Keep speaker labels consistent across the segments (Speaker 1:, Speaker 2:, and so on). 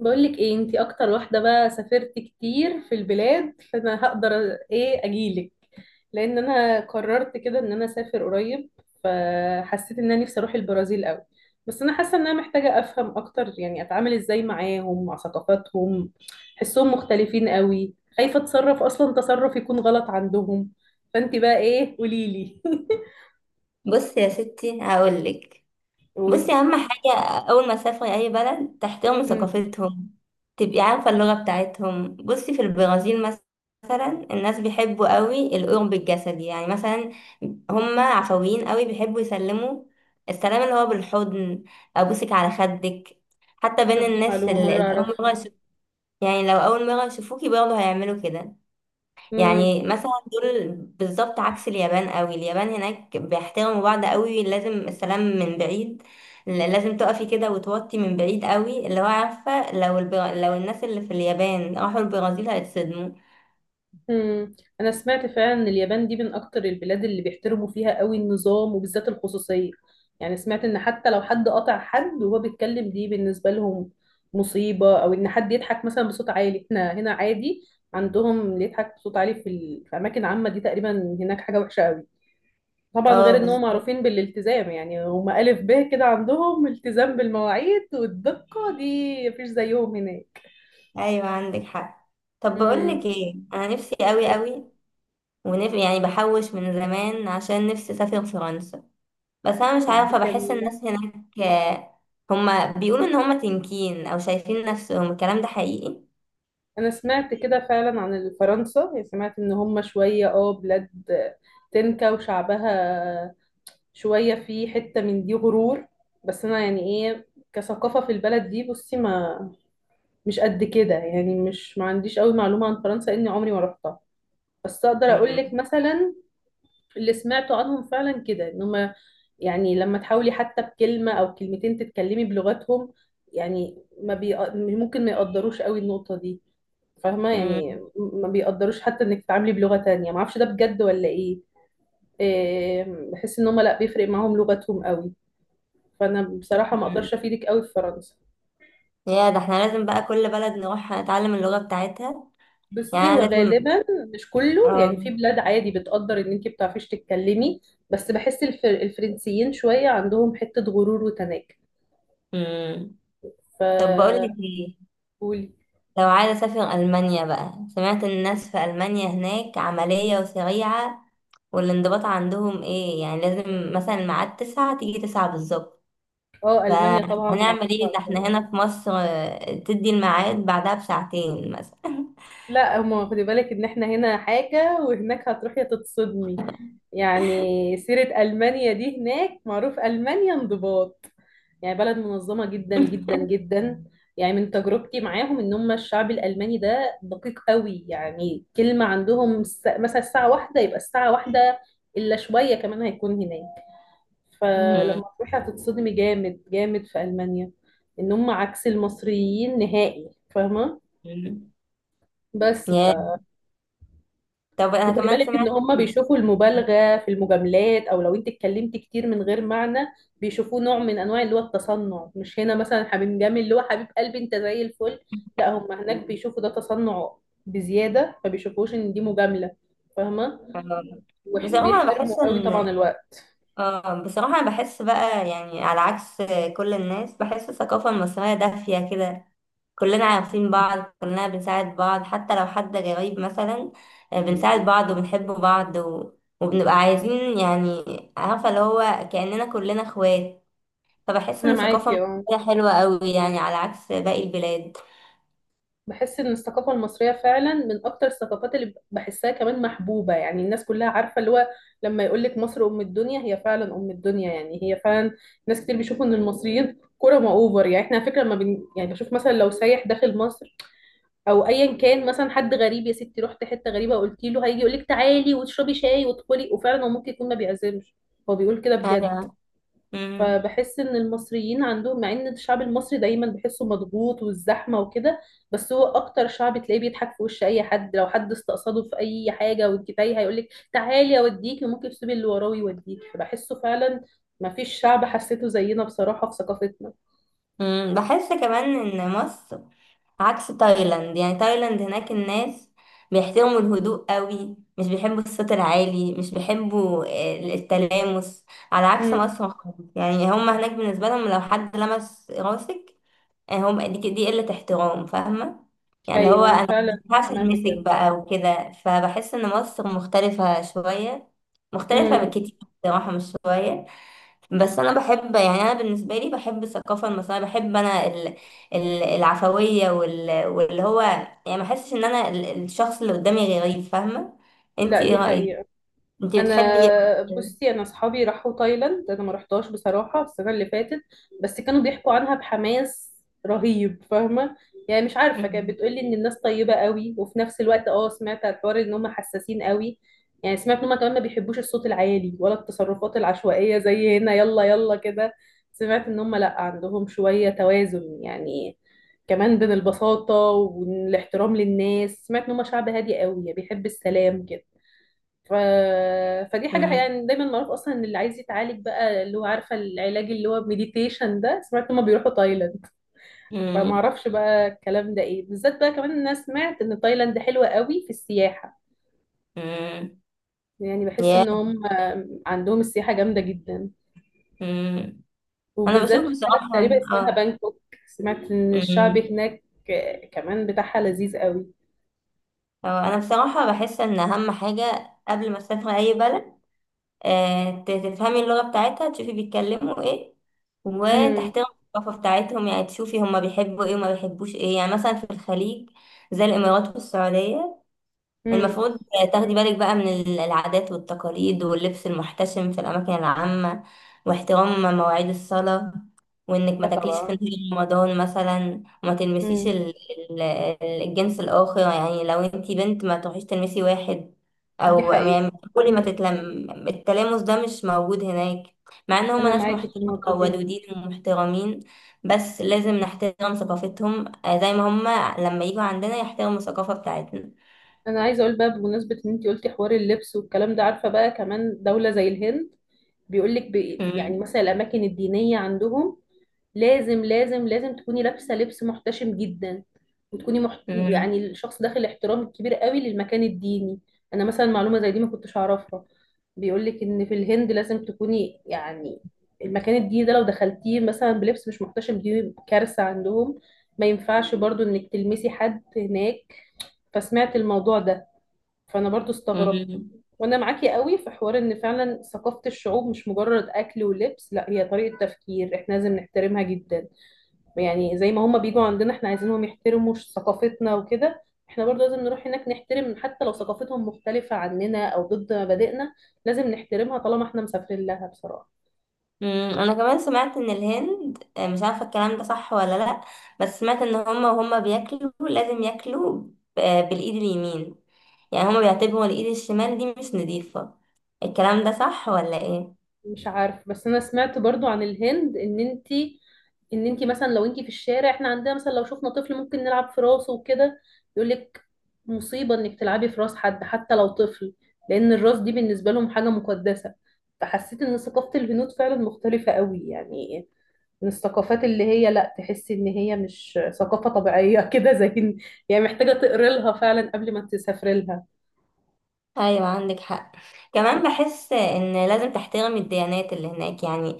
Speaker 1: بقولك ايه، انتي اكتر واحدة بقى سافرت كتير في البلاد، فانا هقدر ايه اجيلك. لان انا قررت كده ان انا اسافر قريب، فحسيت ان انا نفسي اروح البرازيل قوي. بس انا حاسة ان انا محتاجة افهم اكتر، يعني اتعامل ازاي معاهم مع ثقافاتهم. حسهم مختلفين قوي، خايفة اتصرف اصلا تصرف يكون غلط عندهم. فانتي بقى ايه؟ قوليلي.
Speaker 2: بصي يا ستي هقولك.
Speaker 1: قولي.
Speaker 2: بصي اهم حاجه، اول ما تسافري اي بلد تحترمي
Speaker 1: مم.
Speaker 2: ثقافتهم، تبقي عارفه اللغه بتاعتهم. بصي في البرازيل مثلا الناس بيحبوا قوي القرب الجسدي، يعني مثلا هم عفويين قوي، بيحبوا يسلموا، السلام اللي هو بالحضن، ابوسك على خدك، حتى بين
Speaker 1: طب، دي
Speaker 2: الناس
Speaker 1: معلومة
Speaker 2: اللي
Speaker 1: مرة
Speaker 2: اللي
Speaker 1: اعرفها.
Speaker 2: اول مره يعني لو اول مره يشوفوكي برضه هيعملوا كده. يعني مثلا دول بالظبط عكس اليابان قوي، اليابان هناك بيحترموا بعض قوي، لازم السلام من بعيد، لازم تقفي كده وتوطي من بعيد قوي، اللي هو عارفة، لو الناس اللي في اليابان راحوا البرازيل هيتصدموا.
Speaker 1: مم. انا سمعت فعلا ان اليابان دي من اكتر البلاد اللي بيحترموا فيها قوي النظام، وبالذات الخصوصية. يعني سمعت ان حتى لو حد قطع حد وهو بيتكلم دي بالنسبة لهم مصيبة، او ان حد يضحك مثلا بصوت عالي احنا هنا عادي. عندهم اللي يضحك بصوت عالي في اماكن عامة دي تقريبا هناك حاجة وحشة قوي. طبعا
Speaker 2: اه
Speaker 1: غير ان هم
Speaker 2: بالظبط،
Speaker 1: معروفين بالالتزام، يعني هم ألف ب كده، عندهم التزام بالمواعيد والدقة، دي مفيش زيهم هناك.
Speaker 2: ايوه عندك حق. طب
Speaker 1: امم.
Speaker 2: بقولك ايه، انا نفسي قوي قوي، يعني بحوش من زمان عشان نفسي اسافر فرنسا، بس انا مش
Speaker 1: طب، دي
Speaker 2: عارفة، بحس
Speaker 1: جميلة.
Speaker 2: الناس هناك هما بيقولوا ان هما تنكين او شايفين نفسهم، الكلام ده حقيقي؟
Speaker 1: انا سمعت كده فعلا عن فرنسا، يعني سمعت ان هم شوية بلاد تنكا وشعبها شوية في حتة من دي غرور. بس انا يعني ايه كثقافة في البلد دي، بصي ما مش قد كده، يعني مش ما عنديش قوي معلومة عن فرنسا اني عمري ما رحتها. بس اقدر اقول لك مثلا اللي سمعته عنهم فعلا كده ان هم، يعني لما تحاولي حتى بكلمة او كلمتين تتكلمي بلغتهم، يعني ما بي... ممكن ما يقدروش قوي النقطة دي. فاهمة،
Speaker 2: مم.
Speaker 1: يعني ما بيقدروش حتى انك تتعاملي بلغة تانية، ما اعرفش ده بجد ولا ايه. إيه، بحس ان هم لا بيفرق معاهم لغتهم قوي. فانا بصراحة ما
Speaker 2: مم.
Speaker 1: اقدرش افيدك قوي في فرنسا.
Speaker 2: يا، ده احنا لازم بقى كل بلد نروح نتعلم اللغة بتاعتها، يعني
Speaker 1: بصي هو
Speaker 2: أنا لازم.
Speaker 1: غالبا مش كله، يعني
Speaker 2: اه
Speaker 1: في بلاد عادي بتقدر ان انت بتعرفيش تتكلمي. بس بحس الفرنسيين شوية عندهم حتة غرور وتناكة.
Speaker 2: مم.
Speaker 1: ف
Speaker 2: طب بقولك ايه،
Speaker 1: قولي.
Speaker 2: لو عايزة اسافر ألمانيا بقى، سمعت الناس في ألمانيا هناك عملية وسريعة، والانضباط عندهم ايه، يعني لازم مثلا الميعاد تسعة تيجي تسعة بالظبط.
Speaker 1: اه، المانيا طبعا
Speaker 2: فهنعمل ايه، ده
Speaker 1: معروفة.
Speaker 2: احنا هنا في مصر تدي الميعاد بعدها بساعتين مثلا.
Speaker 1: لا، هما خدي بالك ان احنا هنا حاجة وهناك هتروحي تتصدمي. يعني سيرة ألمانيا دي هناك معروف ألمانيا انضباط، يعني بلد منظمة جدا جدا جدا. يعني من تجربتي معاهم ان هم الشعب الألماني ده دقيق قوي، يعني كلمة عندهم مثلا الساعة واحدة يبقى الساعة واحدة إلا شوية كمان هيكون هناك.
Speaker 2: مم.
Speaker 1: فلما تروحي هتتصدمي جامد جامد في ألمانيا، ان هم عكس المصريين نهائي، فاهمة؟ بس
Speaker 2: يا طب انا
Speaker 1: وخدي
Speaker 2: كمان
Speaker 1: بالك ان
Speaker 2: سمعت.
Speaker 1: هم بيشوفوا المبالغه في المجاملات، او لو انت اتكلمتي كتير من غير معنى بيشوفوه نوع من انواع اللي هو التصنع. مش هنا مثلا حبيب جامد اللي هو حبيب قلبي انت زي الفل، لا هم هناك بيشوفوا ده تصنع بزياده، ما بيشوفوش ان دي مجامله، فاهمه؟
Speaker 2: آه، بصراحة أنا
Speaker 1: وبيحترموا
Speaker 2: بحس
Speaker 1: قوي طبعا
Speaker 2: إن
Speaker 1: الوقت.
Speaker 2: بصراحة أنا بحس بقى، يعني على عكس كل الناس، بحس الثقافة المصرية دافية كده، كلنا عارفين بعض، كلنا بنساعد بعض حتى لو حد غريب مثلا. بنساعد بعض وبنحب بعض وبنبقى عايزين يعني، عارفة اللي هو كأننا كلنا اخوات. فبحس إن
Speaker 1: انا
Speaker 2: الثقافة
Speaker 1: معاكي، اه.
Speaker 2: المصرية حلوة أوي، يعني على عكس باقي البلاد.
Speaker 1: بحس ان الثقافه المصريه فعلا من اكتر الثقافات اللي بحسها كمان محبوبه، يعني الناس كلها عارفه اللي هو، لما يقول لك مصر ام الدنيا هي فعلا ام الدنيا، يعني هي فعلا. ناس كتير بيشوفوا ان المصريين كرماء اوفر، يعني احنا على فكره لما يعني بشوف مثلا لو سايح داخل مصر او ايا كان، مثلا حد غريب يا ستي رحت حته غريبه قلت له هيجي يقول لك تعالي واشربي شاي وادخلي، وفعلا هو ممكن يكون ما بيعزمش، هو بيقول كده بجد.
Speaker 2: آه، مم.
Speaker 1: فبحس ان المصريين عندهم، مع ان الشعب المصري دايما بحسه مضغوط والزحمه وكده، بس هو اكتر شعب تلاقيه بيضحك في وش اي حد، لو حد استقصده في اي حاجه وانت تايه هيقول لك تعالي اوديكي، ممكن تسيبي اللي وراه ويوديكي، فبحسه فعلا ما فيش شعب حسيته زينا بصراحه في ثقافتنا.
Speaker 2: مم. بحس كمان إن مصر عكس تايلاند، يعني تايلاند هناك الناس بيحترموا الهدوء قوي، مش بيحبوا الصوت العالي، مش بيحبوا التلامس، على عكس
Speaker 1: امم.
Speaker 2: مصر خالص، يعني هم هناك بالنسبة لهم لو حد لمس راسك هم دي قلة احترام، فاهمة؟ يعني اللي هو
Speaker 1: ايوه انا
Speaker 2: انا
Speaker 1: فعلا
Speaker 2: مينفعش
Speaker 1: سمعت
Speaker 2: المسك
Speaker 1: كده.
Speaker 2: بقى وكده، فبحس ان مصر مختلفة شوية، مختلفة
Speaker 1: امم.
Speaker 2: بكتير، بصراحة مش شوية. بس انا بحب يعني، انا بالنسبه لي بحب الثقافه المصريه، بحب انا العفويه واللي هو، يعني ما احسش ان انا الشخص اللي قدامي غريب، فاهمه؟ انت
Speaker 1: لا،
Speaker 2: ايه
Speaker 1: دي
Speaker 2: رايك،
Speaker 1: حقيقه.
Speaker 2: انت بتحبي ايه
Speaker 1: انا،
Speaker 2: أكتر؟
Speaker 1: بصي، انا اصحابي راحوا تايلاند، انا ما رحتهاش بصراحه السنه اللي فاتت، بس كانوا بيحكوا عنها بحماس رهيب، فاهمه؟ يعني مش عارفه، كانت بتقولي ان الناس طيبه قوي، وفي نفس الوقت سمعت على الحوار ان هم حساسين قوي. يعني سمعت ان هم كمان ما بيحبوش الصوت العالي ولا التصرفات العشوائيه زي هنا يلا يلا كده. سمعت ان هم لا، عندهم شويه توازن، يعني كمان بين البساطه والاحترام للناس. سمعت ان هم شعب هادي قوي، يعني بيحب السلام كده. ف... فدي حاجة،
Speaker 2: أمم،
Speaker 1: يعني دايما معروف أصلا إن اللي عايز يتعالج بقى اللي هو عارفة العلاج اللي هو مديتيشن ده، سمعت إن هما بيروحوا تايلاند. فما
Speaker 2: أمم،
Speaker 1: أعرفش بقى الكلام ده إيه، بالذات بقى كمان إن أنا سمعت إن تايلاند حلوة قوي في السياحة.
Speaker 2: أمم،
Speaker 1: يعني بحس
Speaker 2: يا
Speaker 1: إن هم عندهم السياحة جامدة جدا،
Speaker 2: أمم. انا
Speaker 1: وبالذات
Speaker 2: بشوف
Speaker 1: في بلد
Speaker 2: بصراحه
Speaker 1: تقريبا اسمها بانكوك. سمعت إن الشعب
Speaker 2: أمم.
Speaker 1: هناك كمان بتاعها لذيذ قوي.
Speaker 2: اه انا بصراحه بحس ان اهم حاجه قبل ما اسافر اي بلد، تفهمي اللغة بتاعتها، تشوفي بيتكلموا ايه،
Speaker 1: امم.
Speaker 2: وتحترمي الثقافة بتاعتهم، يعني تشوفي هما بيحبوا ايه وما بيحبوش ايه. يعني مثلا في الخليج زي الإمارات والسعودية،
Speaker 1: امم.
Speaker 2: المفروض تاخدي بالك بقى من العادات والتقاليد واللبس المحتشم في الأماكن العامة، واحترام مواعيد الصلاة، وإنك ما تاكليش في
Speaker 1: فطبعا.
Speaker 2: نهار رمضان مثلا، وما تلمسيش
Speaker 1: امم.
Speaker 2: ال- الجنس الآخر، يعني لو انتي بنت ما تروحيش تلمسي واحد،
Speaker 1: دي
Speaker 2: أو
Speaker 1: حقيقة.
Speaker 2: يعني كل ما
Speaker 1: امم.
Speaker 2: تتلم، التلامس ده مش موجود هناك. مع إن هما
Speaker 1: أنا
Speaker 2: ناس
Speaker 1: معاكي في
Speaker 2: محترمة
Speaker 1: النقطة دي.
Speaker 2: وودودين ومحترمين، بس لازم نحترم ثقافتهم، زي ما هما لما يجوا عندنا يحترموا الثقافة بتاعتنا.
Speaker 1: انا عايزه اقول بقى بمناسبه ان انت قلتي حوار اللبس والكلام ده، عارفه بقى كمان دوله زي الهند، بيقول لك
Speaker 2: مم.
Speaker 1: يعني مثلا الاماكن الدينيه عندهم لازم لازم لازم تكوني لابسه لبس محتشم جدا. وتكوني محت...
Speaker 2: مم.
Speaker 1: يعني الشخص داخل احترام كبير قوي للمكان الديني. انا مثلا معلومه زي دي ما كنتش اعرفها. بيقول لك ان في الهند لازم تكوني يعني المكان الديني ده لو دخلتيه مثلا بلبس مش محتشم دي كارثه عندهم. ما ينفعش برضو انك تلمسي حد هناك. فسمعت الموضوع ده، فانا برضو استغربت.
Speaker 2: مم.
Speaker 1: وانا معاكي قوي في حوار ان فعلا ثقافة الشعوب مش مجرد اكل ولبس، لا، هي طريقة تفكير، احنا لازم نحترمها جدا. يعني زي ما هما بيجوا عندنا احنا عايزينهم يحترموا ثقافتنا وكده، احنا برضو لازم نروح هناك نحترم حتى لو ثقافتهم مختلفة عننا او ضد مبادئنا، لازم نحترمها طالما احنا مسافرين لها بصراحة.
Speaker 2: مم. انا كمان سمعت ان الهند، مش عارفه الكلام ده صح ولا لا، بس سمعت ان هما وهما بياكلوا لازم ياكلوا بالايد اليمين، يعني هما بيعتبروا الايد الشمال دي مش نظيفه. الكلام ده صح ولا ايه؟
Speaker 1: مش عارف، بس انا سمعت برضو عن الهند ان انتي مثلا لو انتي في الشارع احنا عندنا مثلا لو شفنا طفل ممكن نلعب في راسه وكده. يقولك مصيبة انك تلعبي في راس حد حتى لو طفل، لان الراس دي بالنسبة لهم حاجة مقدسة. فحسيت ان ثقافة الهنود فعلا مختلفة قوي، يعني من الثقافات اللي هي لا تحسي ان هي مش ثقافة طبيعية كده زي يعني محتاجة تقري لها فعلا قبل ما تسافري
Speaker 2: ايوه عندك حق. كمان بحس ان لازم تحترم الديانات اللي هناك، يعني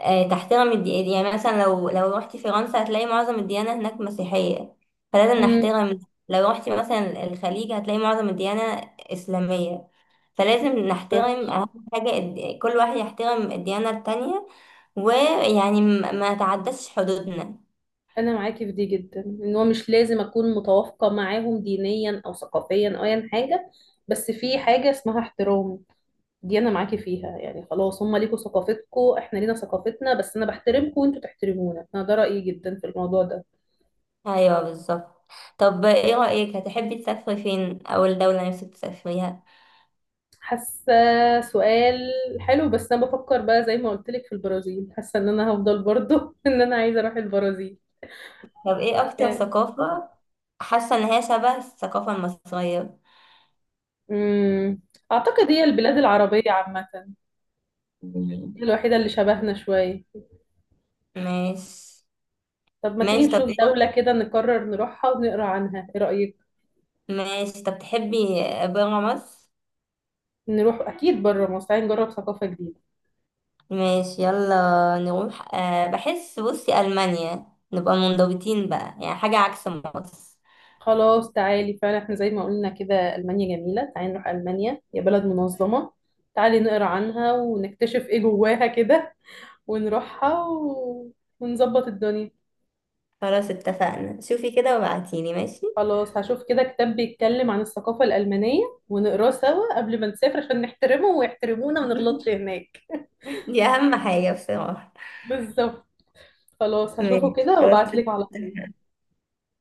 Speaker 2: تحترم يعني مثلا لو رحتي فرنسا هتلاقي معظم الديانة هناك مسيحية، فلازم نحترم. لو رحتي مثلا الخليج هتلاقي معظم الديانة إسلامية، فلازم
Speaker 1: لها.
Speaker 2: نحترم. أهم حاجة كل واحد يحترم الديانة التانية، ويعني ما تعدش حدودنا.
Speaker 1: انا معاكي في دي جدا، ان هو مش لازم اكون متوافقه معاهم دينيا او ثقافيا او ايا حاجه، بس في حاجه اسمها احترام، دي انا معاكي فيها. يعني خلاص هم ليكوا ثقافتكم احنا لينا ثقافتنا، بس انا بحترمكم وانتوا تحترمونا، انا ده رايي جدا في الموضوع ده.
Speaker 2: أيوه بالظبط. طب إيه رأيك، هتحبي تسافري فين؟ أو الدولة نفسك تسافريها؟
Speaker 1: حاسه. سؤال حلو، بس انا بفكر بقى زي ما قلت لك في البرازيل، حاسه ان انا هفضل برضو ان انا عايزه اروح البرازيل.
Speaker 2: طب إيه أكتر
Speaker 1: يعني.
Speaker 2: ثقافة حاسة إن هي شبه الثقافة المصرية؟
Speaker 1: امم. اعتقد هي البلاد العربيه عامه،
Speaker 2: مم.
Speaker 1: هي الوحيده اللي شبهنا شويه.
Speaker 2: ماشي.
Speaker 1: طب ما تيجي
Speaker 2: ماشي،
Speaker 1: نشوف
Speaker 2: طب ايه.
Speaker 1: دولة كده نقرر نروحها ونقرا عنها، ايه رأيك؟
Speaker 2: ماشي، طب تحبي برا مصر؟
Speaker 1: نروح اكيد بره مصر، تعالي نجرب ثقافة جديدة.
Speaker 2: ماشي يلا نروح. بحس بصي ألمانيا نبقى منضبطين بقى يعني، حاجة عكس مصر.
Speaker 1: خلاص تعالي فعلا، احنا زي ما قلنا كده ألمانيا جميلة، تعالي نروح ألمانيا، هي بلد منظمة. تعالي نقرا عنها ونكتشف ايه جواها كده، ونروحها ونظبط الدنيا.
Speaker 2: خلاص اتفقنا، شوفي كده وبعتيلي ماشي.
Speaker 1: خلاص هشوف كده كتاب بيتكلم عن الثقافة الألمانية، ونقراه سوا قبل ما نسافر عشان نحترمه ويحترمونا وما نغلطش هناك.
Speaker 2: دي أهم حاجة بصراحة.
Speaker 1: بالظبط. خلاص هشوفه
Speaker 2: ماشي
Speaker 1: كده
Speaker 2: خلاص
Speaker 1: وابعتلك على طول.
Speaker 2: اتفقنا.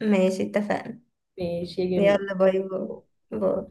Speaker 2: ماشي اتفقنا.
Speaker 1: ماشي يا جميل.
Speaker 2: يلا باي باي. باي.